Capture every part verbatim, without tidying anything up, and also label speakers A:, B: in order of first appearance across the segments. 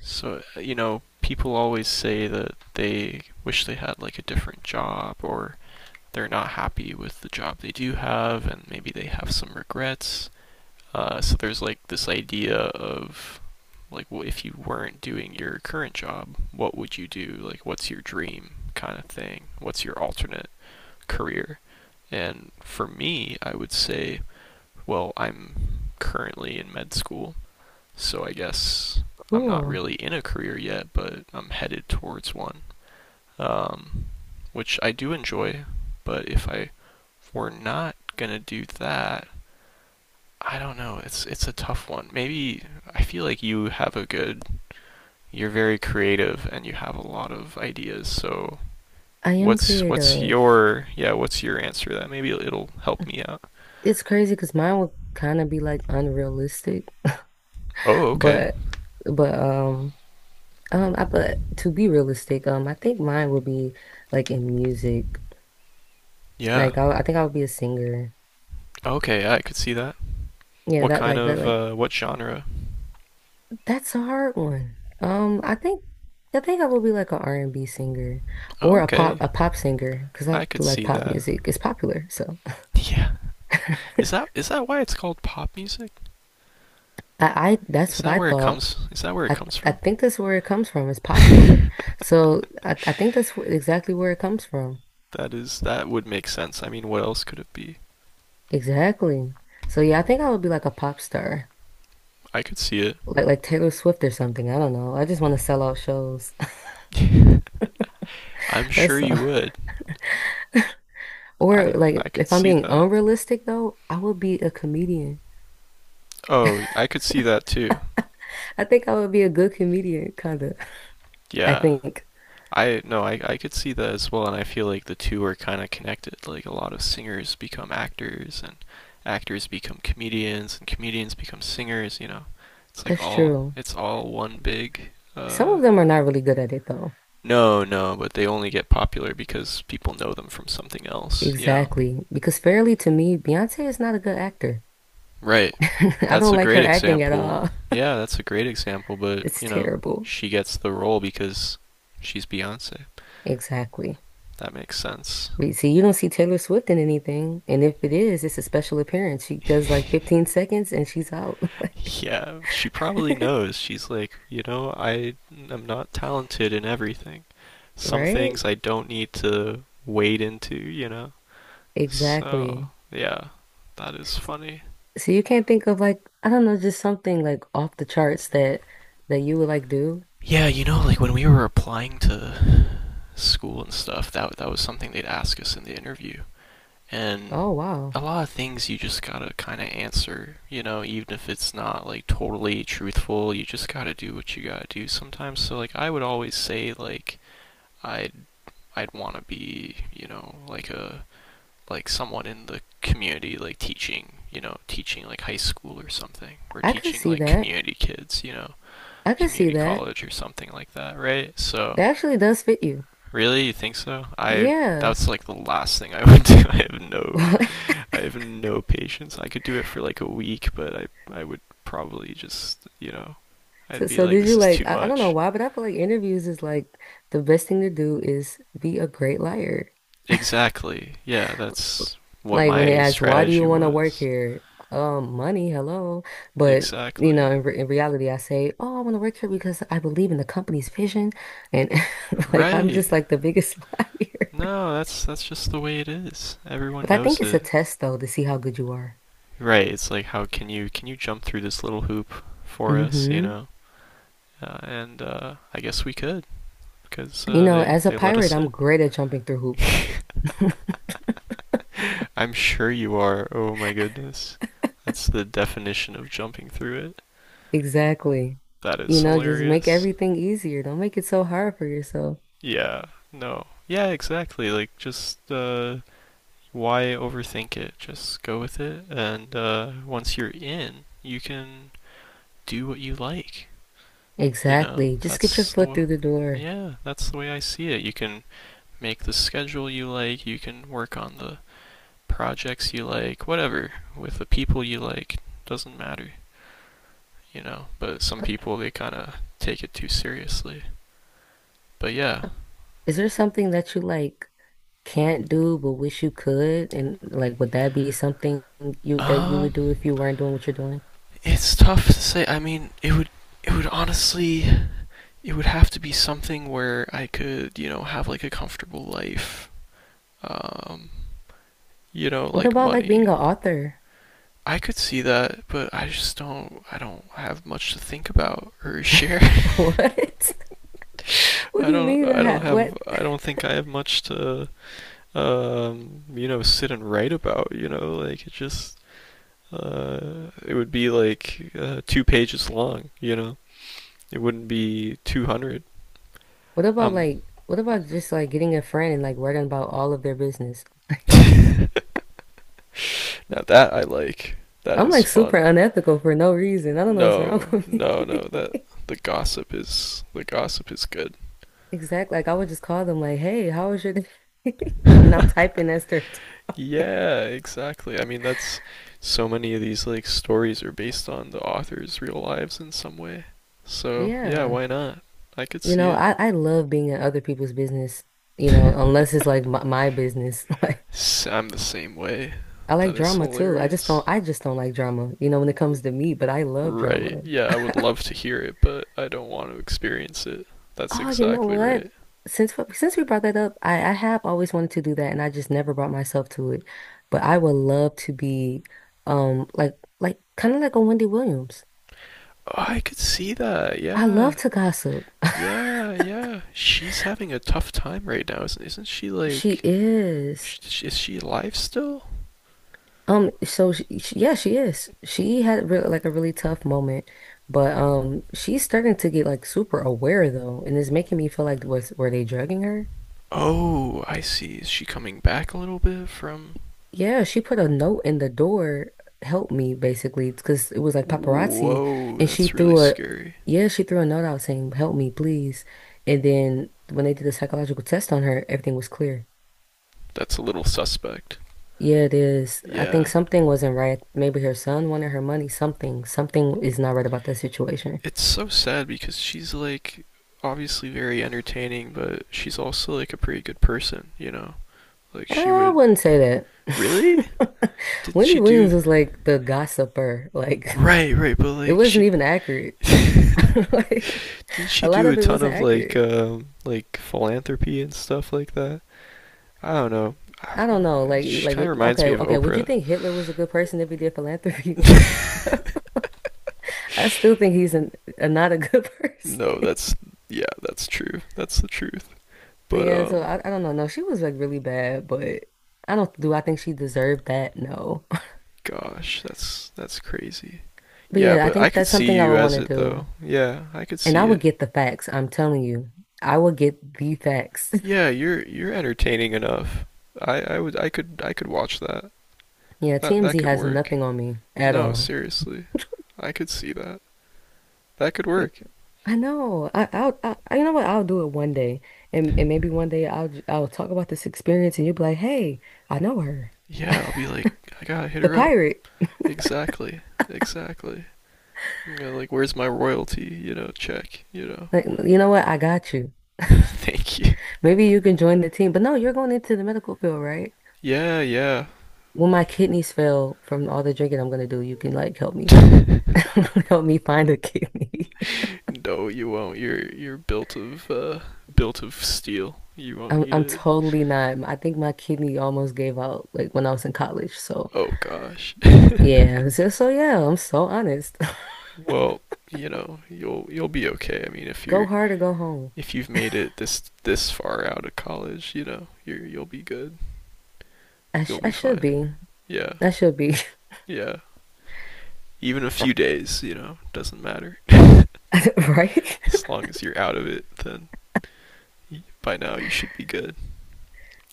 A: So, uh, you know, people always say that they wish they had like a different job or they're not happy with the job they do have and maybe they have some regrets. Uh, so there's like this idea of like well, if you weren't doing your current job, what would you do? Like what's your dream kind of thing? What's your alternate career? And for me, I would say, well, I'm currently in med school so I guess I'm not
B: Cool.
A: really in a career yet, but I'm headed towards one, um, which I do enjoy. But if I were not gonna do that, I don't know. It's it's a tough one. Maybe I feel like you have a good. You're very creative and you have a lot of ideas. So
B: I am
A: what's what's
B: creative.
A: your yeah? What's your answer? to That maybe it'll help me out.
B: It's crazy because mine would kind of be like unrealistic,
A: Oh, okay.
B: but but um um I, but to be realistic, um I think mine would be like in music.
A: Yeah.
B: Like I, I think I would be a singer.
A: Okay, yeah, I could see that.
B: Yeah,
A: What
B: that
A: kind
B: like that
A: of
B: like
A: uh, what genre?
B: that's a hard one. Um I think I think I will be like an R and B singer or a pop
A: Okay,
B: a pop singer because I
A: I could
B: do like
A: see
B: pop
A: that.
B: music. It's popular, so
A: Yeah. Is that is that why it's called pop music?
B: I, I that's
A: Is
B: what
A: that
B: I
A: where it
B: thought.
A: comes is that where it
B: I
A: comes
B: I
A: from?
B: think that's where it comes from. It's popular. So I, I think that's wh- exactly where it comes from.
A: That is that would make sense. I mean, what else could it be?
B: Exactly. So yeah, I think I would be like a pop star.
A: I could see it.
B: Like like Taylor Swift or something. I don't know. I just want to sell out shows.
A: I'm sure
B: That's
A: you
B: all.
A: would.
B: Or
A: I
B: like
A: I could
B: if I'm
A: see
B: being
A: that.
B: unrealistic though, I would be a comedian.
A: Oh, I could see that too.
B: I think I would be a good comedian, kind of. I
A: Yeah.
B: think
A: I no, I I could see that as well and I feel like the two are kind of connected. Like a lot of singers become actors and actors become comedians and comedians become singers, you know. It's like
B: that's
A: all
B: true.
A: it's all one big
B: Some
A: uh
B: of them are not really good at it though.
A: No, no, but they only get popular because people know them from something else, you know?
B: Exactly. Because fairly to me, Beyonce is not a good actor.
A: Right.
B: I
A: That's
B: don't
A: a
B: like
A: great
B: her acting at
A: example.
B: all.
A: Yeah, that's a great example, but,
B: It's
A: you know,
B: terrible.
A: she gets the role because she's Beyonce.
B: Exactly.
A: That makes sense.
B: But see, you don't see Taylor Swift in anything. And if it is, it's a special appearance. She does like fifteen seconds and she's out.
A: Yeah, she probably knows. She's like, you know, I am not talented in everything. Some
B: Right?
A: things I don't need to wade into, you know? So,
B: Exactly.
A: yeah, that is funny.
B: So you can't think of like, I don't know, just something like off the charts that that you would like do.
A: Yeah, you know, like when we were applying to school and stuff, that that was something they'd ask us in the interview. And
B: Oh
A: a
B: wow.
A: lot of things you just gotta kind of answer, you know, even if it's not like totally truthful, you just gotta do what you gotta do sometimes. So like I would always say like I'd I'd want to be, you know, like a like someone in the community like teaching, you know, teaching like high school or something or
B: I could
A: teaching
B: see
A: like
B: that.
A: community kids, you know,
B: I could see
A: community
B: that.
A: college or something like that, right? So
B: That actually does fit you.
A: really? You think so? I
B: Yeah.
A: That's like the last thing I would do. I have no I have no patience. I could do it for like a week, but I I would probably just, you know,
B: So,
A: I'd be
B: so
A: like
B: did you
A: this is
B: like,
A: too
B: I, I don't know
A: much.
B: why, but I feel like interviews is like the best thing to do is be a great liar.
A: Exactly. Yeah, that's what
B: Like when they
A: my
B: ask, why do
A: strategy
B: you want to work
A: was.
B: here? Um, money, hello. But, you know,
A: Exactly.
B: in, re in reality, I say, oh, I want to work here because I believe in the company's vision. And like, I'm just
A: Right.
B: like the biggest liar.
A: No, that's that's just the way it is. Everyone
B: But I think
A: knows
B: it's a
A: it.
B: test though to see how good you are.
A: Right. It's like how can you can you jump through this little hoop for us, you
B: hmm
A: know? Uh, and uh I guess we could because
B: You
A: uh,
B: know,
A: they
B: as a
A: they let
B: pirate,
A: us
B: I'm
A: in.
B: great at jumping through hoops.
A: I'm sure you are. Oh my goodness. That's the definition of jumping through it.
B: Exactly.
A: That is
B: You know, just make
A: hilarious.
B: everything easier. Don't make it so hard for yourself.
A: Yeah, no. Yeah, exactly. Like, just, uh, why overthink it? Just go with it. And, uh, once you're in, you can do what you like. You know,
B: Exactly. Just get your
A: that's
B: foot
A: the,
B: through the door.
A: yeah, that's the way I see it. You can make the schedule you like, you can work on the projects you like, whatever, with the people you like. Doesn't matter, you know. But some people they kind of take it too seriously. But yeah,
B: Is there something that you like can't do but wish you could? And like, would that be something you that you would
A: um,
B: do if you weren't doing what you're doing?
A: it's tough to say. I mean, it would it would honestly it would have to be something where I could you know have like a comfortable life, um, you know,
B: What
A: like
B: about like being
A: money.
B: an author?
A: I could see that, but I just don't. I don't have much to think about or share.
B: What? What
A: I
B: do you
A: don't.
B: mean? I
A: I
B: ha
A: don't have.
B: What?
A: I don't think I have much to um, you know, sit and write about, you know, like it just uh, it would be like uh, two pages long. You know, it wouldn't be two hundred.
B: What about
A: Um,
B: like, what about just like getting a friend and like writing about all of their business?
A: now that I like, that
B: I'm
A: is
B: like super
A: fun.
B: unethical for no reason. I don't know what's wrong
A: No,
B: with me.
A: no, no. That the gossip is the gossip is good.
B: Exactly. Like I would just call them like, "Hey, how was your day?" And I'm typing as they're talking.
A: Yeah, exactly. I mean, that's so many of these like stories are based on the author's real lives in some way. So yeah,
B: Yeah.
A: why not? I could
B: You
A: see
B: know,
A: it.
B: I, I love being in other people's business, you know, unless it's like my, my business. Like
A: i I'm the same way.
B: I
A: That
B: like
A: is
B: drama too. I just
A: hilarious.
B: don't I just don't like drama, you know, when it comes to me, but I love
A: Right.
B: drama.
A: Yeah, I would love to hear it, but I don't want to experience it. That's
B: Oh, you know
A: exactly
B: what?
A: right.
B: Since we- since we brought that up, I, I have always wanted to do that and I just never brought myself to it. But I would love to be um like like kind of like a Wendy Williams.
A: Oh, I could see that.
B: I
A: Yeah.
B: love to gossip.
A: Yeah, yeah. She's having a tough time right now, isn't isn't she
B: She
A: like
B: is.
A: sh- is she alive still?
B: Um, so she, she- yeah, she is. She had real, like a really tough moment, but um, she's starting to get like super aware though, and it's making me feel like was were they drugging her?
A: Oh, I see. Is she coming back a little bit from
B: Yeah, she put a note in the door, help me basically, because it was like paparazzi,
A: whoa,
B: and she
A: that's really
B: threw a
A: scary.
B: yeah, she threw a note out saying, "Help me, please." And then when they did the psychological test on her, everything was clear.
A: That's a little suspect.
B: Yeah, it is. I think
A: Yeah.
B: something wasn't right. Maybe her son wanted her money. Something, something is not right about that situation.
A: It's so sad because she's like obviously very entertaining, but she's also like a pretty good person, you know. Like she
B: I
A: would
B: wouldn't say
A: really?
B: that.
A: Didn't
B: Wendy
A: she do
B: Williams was like the gossiper. Like
A: right? Right, but
B: it
A: like
B: wasn't
A: she
B: even accurate. Like
A: didn't she
B: a lot
A: do a
B: of it
A: ton
B: wasn't
A: of like
B: accurate.
A: um like philanthropy and stuff like that? I don't know. Ah,
B: I don't know. Like e-
A: she
B: like
A: kind of
B: it-
A: reminds
B: okay,
A: me of
B: okay. Would you
A: Oprah.
B: think Hitler was a good person if he did philanthropy? Like I still think he's an, a not a good
A: No,
B: person.
A: that's yeah, that's true. That's the truth. But
B: Yeah, so
A: um,
B: I, I don't know. No, she was like really bad, but I don't do I think she deserved that? No.
A: gosh, that's that's crazy.
B: But
A: Yeah,
B: yeah, I
A: but I
B: think
A: could
B: that's
A: see
B: something I
A: you
B: would want
A: as
B: to
A: it
B: do.
A: though. Yeah, I could
B: And
A: see
B: I would
A: it.
B: get the facts, I'm telling you. I would get the facts.
A: Yeah, you're you're entertaining enough. I I would I could I could watch that.
B: Yeah,
A: That that
B: T M Z
A: could
B: has
A: work.
B: nothing on me at
A: No,
B: all.
A: seriously. I could see that. That could
B: Like,
A: work.
B: I know. I, I'll, I, I- You know what? I'll do it one day, and and maybe one day I'll j- I'll talk about this experience, and you'll be like, "Hey, I know her,
A: Yeah, I'll be like, I gotta hit
B: the
A: her up.
B: pirate."
A: Exactly. Exactly. I'm gonna like, where's my royalty? You know, check, you know.
B: Like, you know what? I got you.
A: Thank you.
B: Maybe you can join the team. But no, you're going into the medical field, right?
A: Yeah, yeah.
B: When my kidneys fail from all the drinking I'm gonna do, you can like help me, help me find a kidney.
A: No, you won't. You're you're built of uh built of steel. You won't
B: I'm
A: need
B: I'm
A: it.
B: totally not. I think my kidney almost gave out like when I was in college. So
A: Oh gosh.
B: yeah, so, so yeah, I'm so honest.
A: Well, you know, you'll you'll be okay. I mean, if
B: Go
A: you're
B: hard or go home.
A: if you've made it this this far out of college, you know, you're you'll be good.
B: I
A: You'll
B: sh I
A: be
B: should
A: fine.
B: be.
A: Yeah.
B: I should be.
A: Yeah. Even a few days, you know, doesn't matter. As
B: Right?
A: long as you're out of it, then by now you should be good.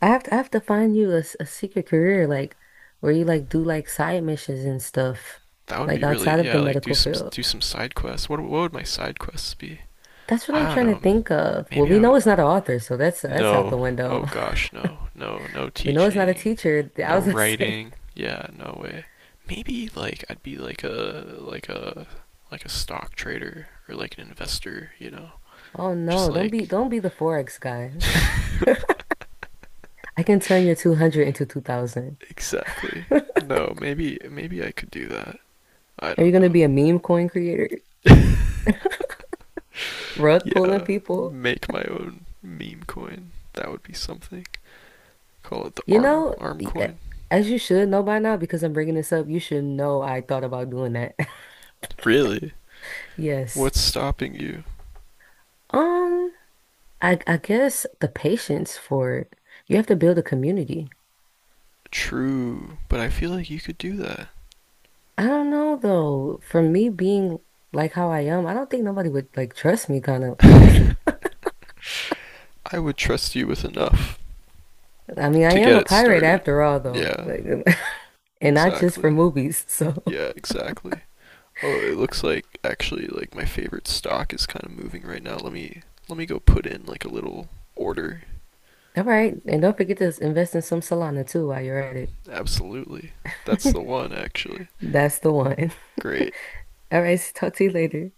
B: I have to I have to find you a, s- a secret career like where you like do like side missions and stuff
A: That would
B: like
A: be
B: outside
A: really
B: of
A: yeah,
B: the
A: like do
B: medical
A: some
B: field.
A: do some side quests. What what would my side quests be?
B: That's what I'm
A: I don't
B: trying to
A: know.
B: think of. Well,
A: Maybe
B: we
A: I
B: know
A: would
B: it's not an author, so that's that's out the
A: no. Oh
B: window.
A: gosh, no. No, no
B: We know it's not a
A: teaching.
B: teacher. I
A: No
B: was gonna say,
A: writing. Yeah, no way. Maybe like I'd be like a like a like a stock trader or like an investor, you know.
B: oh
A: Just
B: no, don't
A: like
B: be don't be the Forex guy. I can turn your two hundred into two thousand.
A: exactly.
B: Are
A: No, maybe maybe I could do that. I
B: you
A: don't
B: gonna
A: know.
B: be a meme coin creator? Rug pulling
A: Yeah,
B: people?
A: make my own meme coin. That would be something. Call it the
B: You
A: arm
B: know,
A: arm
B: y- a-
A: coin.
B: as you should know by now, because I'm bringing this up, you should know I thought about doing that.
A: Really?
B: Yes.
A: What's stopping you?
B: Um, I I guess the patience for it. You have to build a community.
A: True, but I feel like you could do that.
B: I don't know though. For me being like how I am, I don't think nobody would like trust me kind of.
A: I would trust you with enough
B: I mean, I
A: to
B: am
A: get
B: a
A: it
B: pirate
A: started.
B: after all though.
A: Yeah,
B: Like, and not just for
A: exactly.
B: movies. So,
A: Yeah, exactly. Oh, it looks like actually like my favorite stock is kind of moving right now. Let me let me go put in like a little order.
B: all right. And don't forget to invest in some Solana too while you're at it.
A: Absolutely. That's the one actually.
B: That's the one.
A: Great.
B: All right, talk to you later.